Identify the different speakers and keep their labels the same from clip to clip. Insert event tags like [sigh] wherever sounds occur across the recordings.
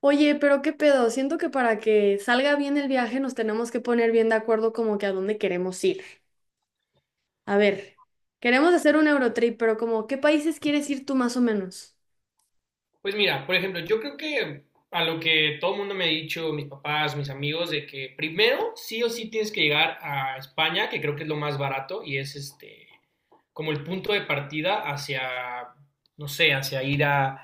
Speaker 1: Oye, pero qué pedo, siento que para que salga bien el viaje nos tenemos que poner bien de acuerdo como que a dónde queremos ir. A ver, queremos hacer un Eurotrip, pero como, ¿qué países quieres ir tú más o menos?
Speaker 2: Pues mira, por ejemplo, yo creo que a lo que todo el mundo me ha dicho, mis papás, mis amigos, de que primero sí o sí tienes que llegar a España, que creo que es lo más barato y es como el punto de partida hacia, no sé, hacia ir a,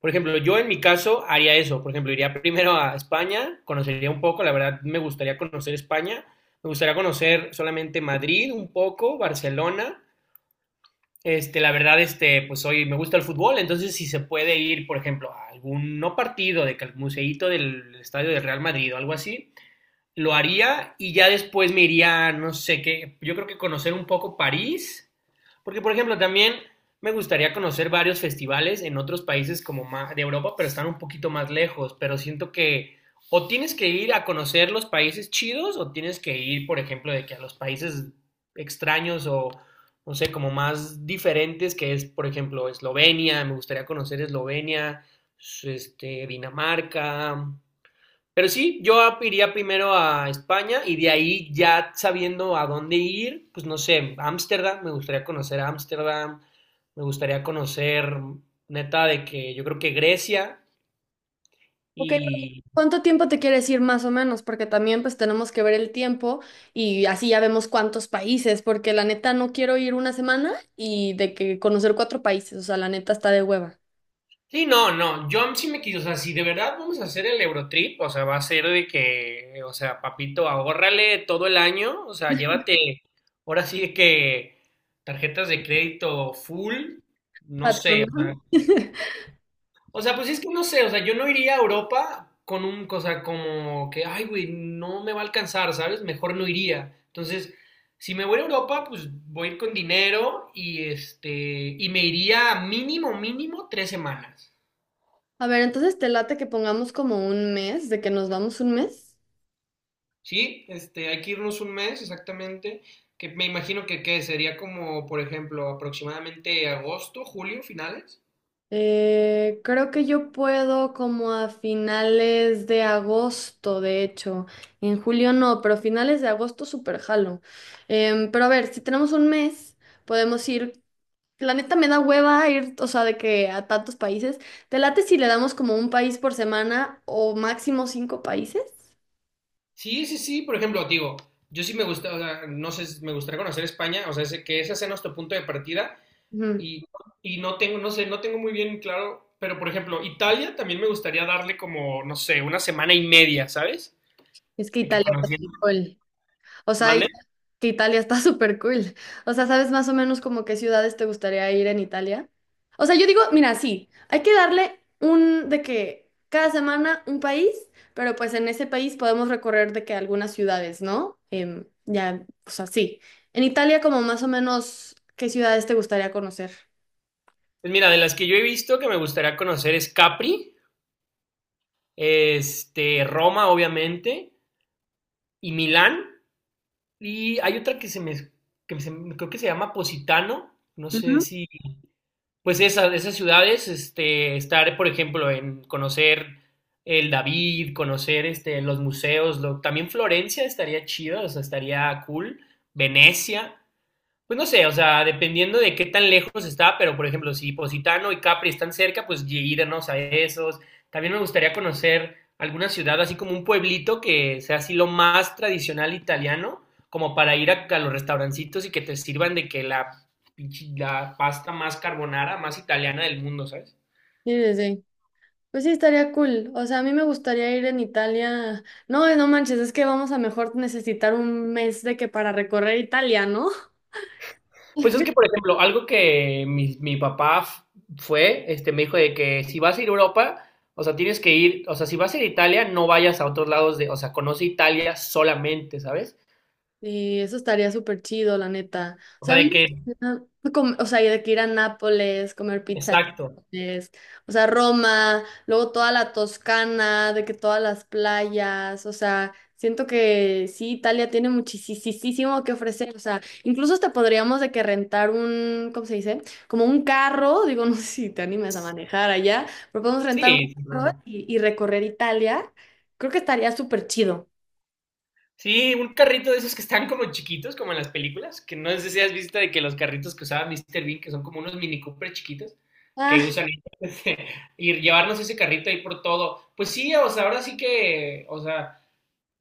Speaker 2: por ejemplo, yo en mi caso haría eso, por ejemplo, iría primero a España, conocería un poco, la verdad me gustaría conocer España, me gustaría conocer solamente Madrid un poco, Barcelona. La verdad, pues hoy me gusta el fútbol, entonces si se puede ir, por ejemplo, a algún no partido de que al museíto del estadio del Real Madrid o algo así, lo haría y ya después me iría, no sé qué, yo creo que conocer un poco París, porque por ejemplo también me gustaría conocer varios festivales en otros países como de Europa, pero están un poquito más lejos, pero siento que o tienes que ir a conocer los países chidos o tienes que ir, por ejemplo, de que a los países extraños o no sé, como más diferentes, que es, por ejemplo, Eslovenia, me gustaría conocer Eslovenia, Dinamarca, pero sí, yo iría primero a España y de ahí ya sabiendo a dónde ir, pues no sé, Ámsterdam, me gustaría conocer Ámsterdam, me gustaría conocer, neta, de que yo creo que Grecia
Speaker 1: Ok, pero
Speaker 2: y...
Speaker 1: ¿cuánto tiempo te quieres ir más o menos? Porque también pues tenemos que ver el tiempo y así ya vemos cuántos países, porque la neta no quiero ir una semana y de que conocer cuatro países, o sea, la neta está de hueva.
Speaker 2: Sí, no, no, yo sí me quiso, o sea, si de verdad vamos a hacer el Eurotrip, o sea, va a ser de que, o sea, papito, ahórrale todo el año, o sea, llévate, ahora sí de que tarjetas de crédito full, no sé.
Speaker 1: Patrón. [laughs]
Speaker 2: O sea, pues es que no sé, o sea, yo no iría a Europa con un cosa como que, ay, güey, no me va a alcanzar, ¿sabes? Mejor no iría. Entonces, si me voy a Europa, pues voy a ir con dinero y y me iría mínimo, mínimo 3 semanas.
Speaker 1: A ver, entonces te late que pongamos como un mes, de que nos vamos un mes.
Speaker 2: ¿Sí? Hay que irnos un mes exactamente, que me imagino que, ¿qué? Sería como, por ejemplo, aproximadamente agosto, julio, finales.
Speaker 1: Creo que yo puedo como a finales de agosto, de hecho. En julio no, pero finales de agosto súper jalo. Pero a ver, si tenemos un mes, podemos ir. La neta me da hueva ir, o sea, de que a tantos países. ¿Te late si le damos como un país por semana o máximo cinco países?
Speaker 2: Sí, sí, sí, por ejemplo, digo, yo sí me gusta, o sea, no sé, me gustaría conocer España, o sea, sé que ese sea nuestro punto de partida.
Speaker 1: Ujú.
Speaker 2: Y no tengo, no sé, no tengo muy bien claro, pero por ejemplo, Italia también me gustaría darle como, no sé, una semana y media, ¿sabes?
Speaker 1: Es que
Speaker 2: De que
Speaker 1: Italia está muy
Speaker 2: conociendo.
Speaker 1: cool. O sea,
Speaker 2: ¿Mande?
Speaker 1: que Italia está [laughs] súper cool. O sea, ¿sabes más o menos como qué ciudades te gustaría ir en Italia? O sea, yo digo, mira, sí, hay que darle un de que cada semana un país, pero pues en ese país podemos recorrer de que algunas ciudades, ¿no? Ya, o sea, sí. En Italia, como más o menos, ¿qué ciudades te gustaría conocer?
Speaker 2: Pues mira, de las que yo he visto que me gustaría conocer es Capri, Roma, obviamente, y Milán. Y hay otra que se me, creo que se llama Positano, no sé
Speaker 1: Ujú.
Speaker 2: si pues esas, ciudades, estar, por ejemplo, en conocer el David, conocer los museos, también Florencia estaría chido, o sea, estaría cool, Venecia, pues no sé, o sea, dependiendo de qué tan lejos está, pero por ejemplo, si Positano y Capri están cerca, pues irnos a esos. También me gustaría conocer alguna ciudad, así como un pueblito que sea así lo más tradicional italiano, como para ir a los restaurancitos y que te sirvan de que la pasta más carbonara, más italiana del mundo, ¿sabes?
Speaker 1: Sí, sí, sí. Pues sí, estaría cool. O sea, a mí me gustaría ir en Italia. No, no manches, es que vamos a mejor necesitar un mes de que para recorrer Italia, ¿no?
Speaker 2: Pues es
Speaker 1: [laughs]
Speaker 2: que, por ejemplo, algo que mi papá fue, me dijo de que si vas a ir a Europa, o sea, tienes que ir, o sea, si vas a ir a Italia, no vayas a otros lados de, o sea, conoce Italia solamente, ¿sabes?
Speaker 1: Sí, eso estaría súper chido, la neta. O
Speaker 2: O
Speaker 1: sea,
Speaker 2: sea,
Speaker 1: a mí
Speaker 2: de que,
Speaker 1: me gusta com- o sea, y de que ir a Nápoles, comer pizza, en
Speaker 2: exacto,
Speaker 1: Nápoles, o sea, Roma, luego toda la Toscana, de que todas las playas, o sea, siento que sí, Italia tiene muchísimo que ofrecer, o sea, incluso hasta podríamos de que rentar un, ¿cómo se dice? Como un carro, digo, [laughs] no sé si te animas a manejar allá, pero podemos rentar
Speaker 2: sí,
Speaker 1: un
Speaker 2: sin
Speaker 1: carro
Speaker 2: problema.
Speaker 1: y recorrer Italia, creo que estaría súper chido.
Speaker 2: Sí, un carrito de esos que están como chiquitos, como en las películas, que no sé si has visto de que los carritos que usaba Mr. Bean, que son como unos Mini Cooper chiquitos, que
Speaker 1: Ah,
Speaker 2: usan [laughs] y llevarnos ese carrito ahí por todo. Pues sí, o sea, ahora sí que, o sea...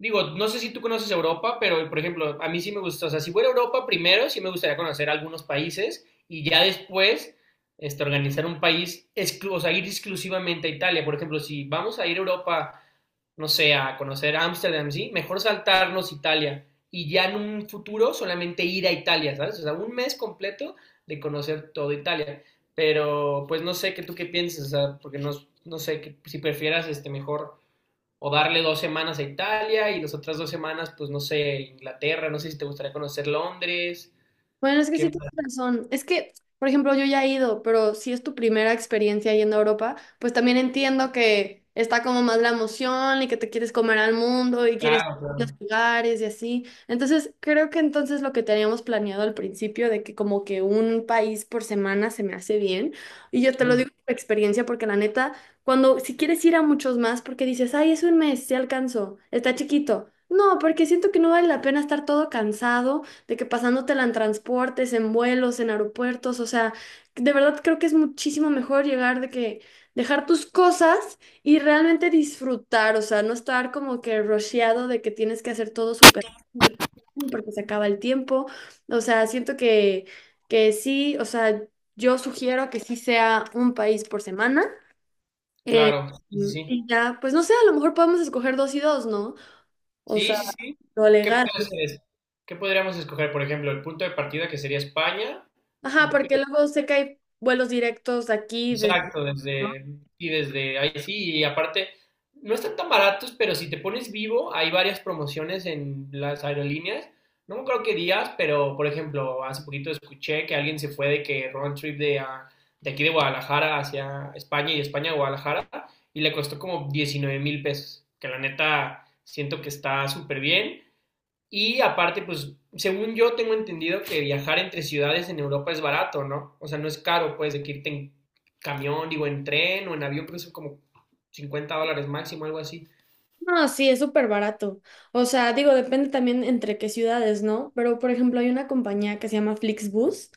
Speaker 2: Digo, no sé si tú conoces Europa, pero por ejemplo, a mí sí me gusta, o sea, si fuera a Europa primero, sí me gustaría conocer algunos países y ya después organizar un país, o sea, ir exclusivamente a Italia. Por ejemplo, si vamos a ir a Europa, no sé, a conocer Ámsterdam, sí, mejor saltarnos Italia y ya en un futuro solamente ir a Italia, ¿sabes? O sea, un mes completo de conocer todo Italia. Pero pues no sé qué tú qué piensas, o sea, porque no, no sé si prefieras mejor o darle 2 semanas a Italia y las otras 2 semanas, pues no sé, Inglaterra, no sé si te gustaría conocer Londres,
Speaker 1: bueno, es que
Speaker 2: qué
Speaker 1: sí tienes
Speaker 2: más.
Speaker 1: razón. Es que, por ejemplo, yo ya he ido, pero si es tu primera experiencia yendo a Europa, pues también entiendo que está como más la emoción y que te quieres comer al mundo y quieres
Speaker 2: Claro,
Speaker 1: los
Speaker 2: claro.
Speaker 1: lugares y así. Entonces, creo que entonces lo que teníamos planeado al principio de que como que un país por semana se me hace bien. Y yo te lo
Speaker 2: Ujú.
Speaker 1: digo por experiencia porque la neta, cuando si quieres ir a muchos más porque dices, "Ay, es un mes, sí alcanzo, está chiquito." No, porque siento que no vale la pena estar todo cansado de que pasándotela en transportes, en vuelos, en aeropuertos, o sea, de verdad creo que es muchísimo mejor llegar de que dejar tus cosas y realmente disfrutar, o sea, no estar como que rusheado de que tienes que hacer todo súper rápido porque se acaba el tiempo, o sea, siento que sí, o sea, yo sugiero que sí sea un país por semana. eh,
Speaker 2: Claro, sí, sí.
Speaker 1: y ya, pues no sé, a lo mejor podemos escoger dos y dos, ¿no? O
Speaker 2: Sí,
Speaker 1: sea,
Speaker 2: sí, sí.
Speaker 1: lo
Speaker 2: ¿Qué
Speaker 1: legal.
Speaker 2: podría hacer es- ¿Qué podríamos escoger? Por ejemplo, el punto de partida que sería España.
Speaker 1: Ajá, porque luego sé que hay vuelos directos de aquí. De...
Speaker 2: Exacto,
Speaker 1: ¿no?
Speaker 2: y desde ahí sí, y aparte, no están tan baratos, pero si te pones vivo, hay varias promociones en las aerolíneas. No me acuerdo qué días, pero por ejemplo, hace poquito escuché que alguien se fue de que round trip de aquí de Guadalajara hacia España y de España a Guadalajara y le costó como 19,000 pesos, que la neta siento que está súper bien. Y aparte, pues, según yo tengo entendido que viajar entre ciudades en Europa es barato, ¿no? O sea, no es caro, pues, de que irte en camión, digo, en tren o en avión, pero son como 50 dólares máximo, algo así.
Speaker 1: No, sí, es súper barato. O sea, digo, depende también entre qué ciudades, ¿no? Pero, por ejemplo, hay una compañía que se llama Flixbus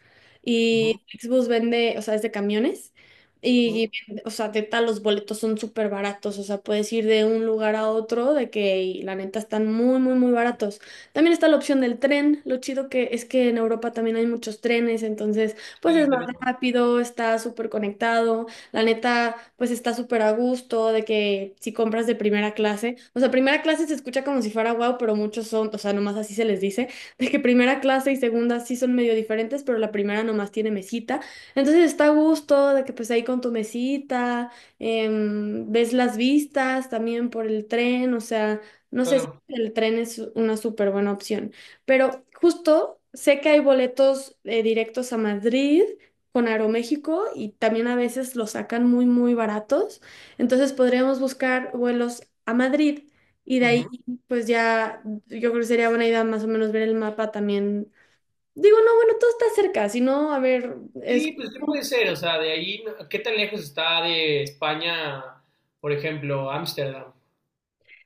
Speaker 2: Ujú,
Speaker 1: y Flixbus vende, o sea, es de camiones y,
Speaker 2: ujú.
Speaker 1: vende- o sea, de tal los boletos son súper baratos. O sea, puedes ir de un lugar a otro de que, y la neta, están muy, muy, muy baratos. También está la opción del tren. Lo chido que es que en Europa también hay muchos trenes, entonces, pues
Speaker 2: Y
Speaker 1: es más
Speaker 2: también
Speaker 1: rápido, está súper conectado. La neta, pues está súper a gusto de que si compras de primera clase, o sea, primera clase se escucha como si fuera guau, pero muchos son, o sea, nomás así se les dice, [laughs] de que primera clase y segunda sí son medio diferentes, pero la primera nomás tiene mesita. Entonces está a gusto de que pues ahí con tu mesita, ves las vistas también por el tren, o sea, no sé si
Speaker 2: claro.
Speaker 1: el tren es una súper buena opción, pero justo sé que hay boletos directos a Madrid con Aeroméxico y también a veces los sacan muy, muy baratos. Entonces podríamos buscar vuelos a Madrid y de
Speaker 2: Ujú.
Speaker 1: ahí pues ya yo creo que sería buena idea más o menos ver el mapa también. Digo, no, bueno, todo está cerca, si no, a ver, es...
Speaker 2: Sí, pues, ¿qué puede ser? O sea, de ahí, ¿qué tan lejos está de España, por ejemplo, Ámsterdam?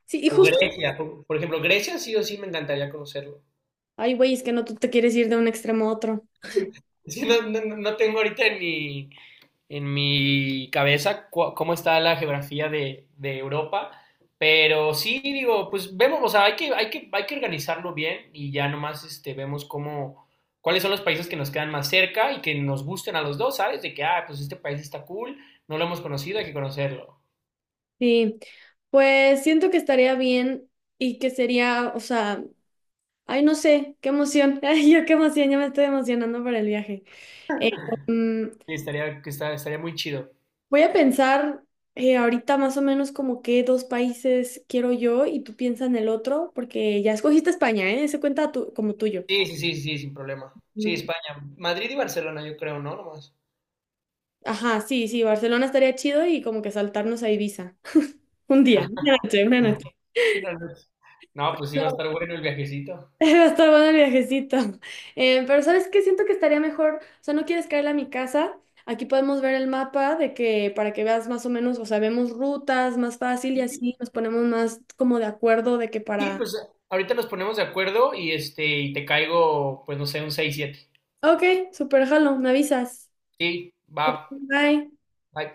Speaker 1: Sí, y
Speaker 2: O
Speaker 1: justo...
Speaker 2: Grecia, por ejemplo, Grecia sí o sí me encantaría conocerlo.
Speaker 1: Ay, güey, es que no, tú te quieres ir de un extremo a otro.
Speaker 2: Sí, no, no tengo ahorita ni, en mi cabeza cómo está la geografía de Europa. Pero sí, digo, pues vemos, o sea, hay que organizarlo bien y ya nomás vemos cómo, cuáles son los países que nos quedan más cerca y que nos gusten a los dos, ¿sabes? De que, pues este país está cool, no lo hemos conocido, hay que conocerlo.
Speaker 1: Sí, pues siento que estaría bien y que sería, o sea, ay, no sé, qué emoción. [laughs] Ay, yo qué emoción, ya me estoy emocionando para el viaje. Eh, mm,
Speaker 2: Y estaría muy chido.
Speaker 1: Voy a pensar ahorita más o menos como qué dos países quiero yo y tú piensa en el otro, porque ya escogiste España, ¿eh? Ese cuenta tu- como tuyo.
Speaker 2: Sí, sí, sí, sí, sin problema. Sí,
Speaker 1: Mm,
Speaker 2: España. Madrid y Barcelona, yo creo, ¿no? Nomás.
Speaker 1: Ajá, sí, sí, Barcelona estaría chido y como que saltarnos a Ibiza. [laughs] Un día, una noche, una noche.
Speaker 2: [laughs] No, pues sí va a
Speaker 1: No,
Speaker 2: estar bueno el viajecito.
Speaker 1: [laughs] va a estar bueno el viajecito. Pero ¿sabes qué? Siento que estaría mejor, o sea, no quieres caerle a mi casa. Aquí podemos ver el mapa de que para que veas más o menos, o sea, vemos rutas más fácil y así nos ponemos más como de acuerdo de que
Speaker 2: Sí,
Speaker 1: para
Speaker 2: pues ahorita nos ponemos de acuerdo y y te caigo, pues no sé, un seis siete.
Speaker 1: Ok, super jalo, me avisas.
Speaker 2: Sí, va.
Speaker 1: Ok, bye.
Speaker 2: Bye.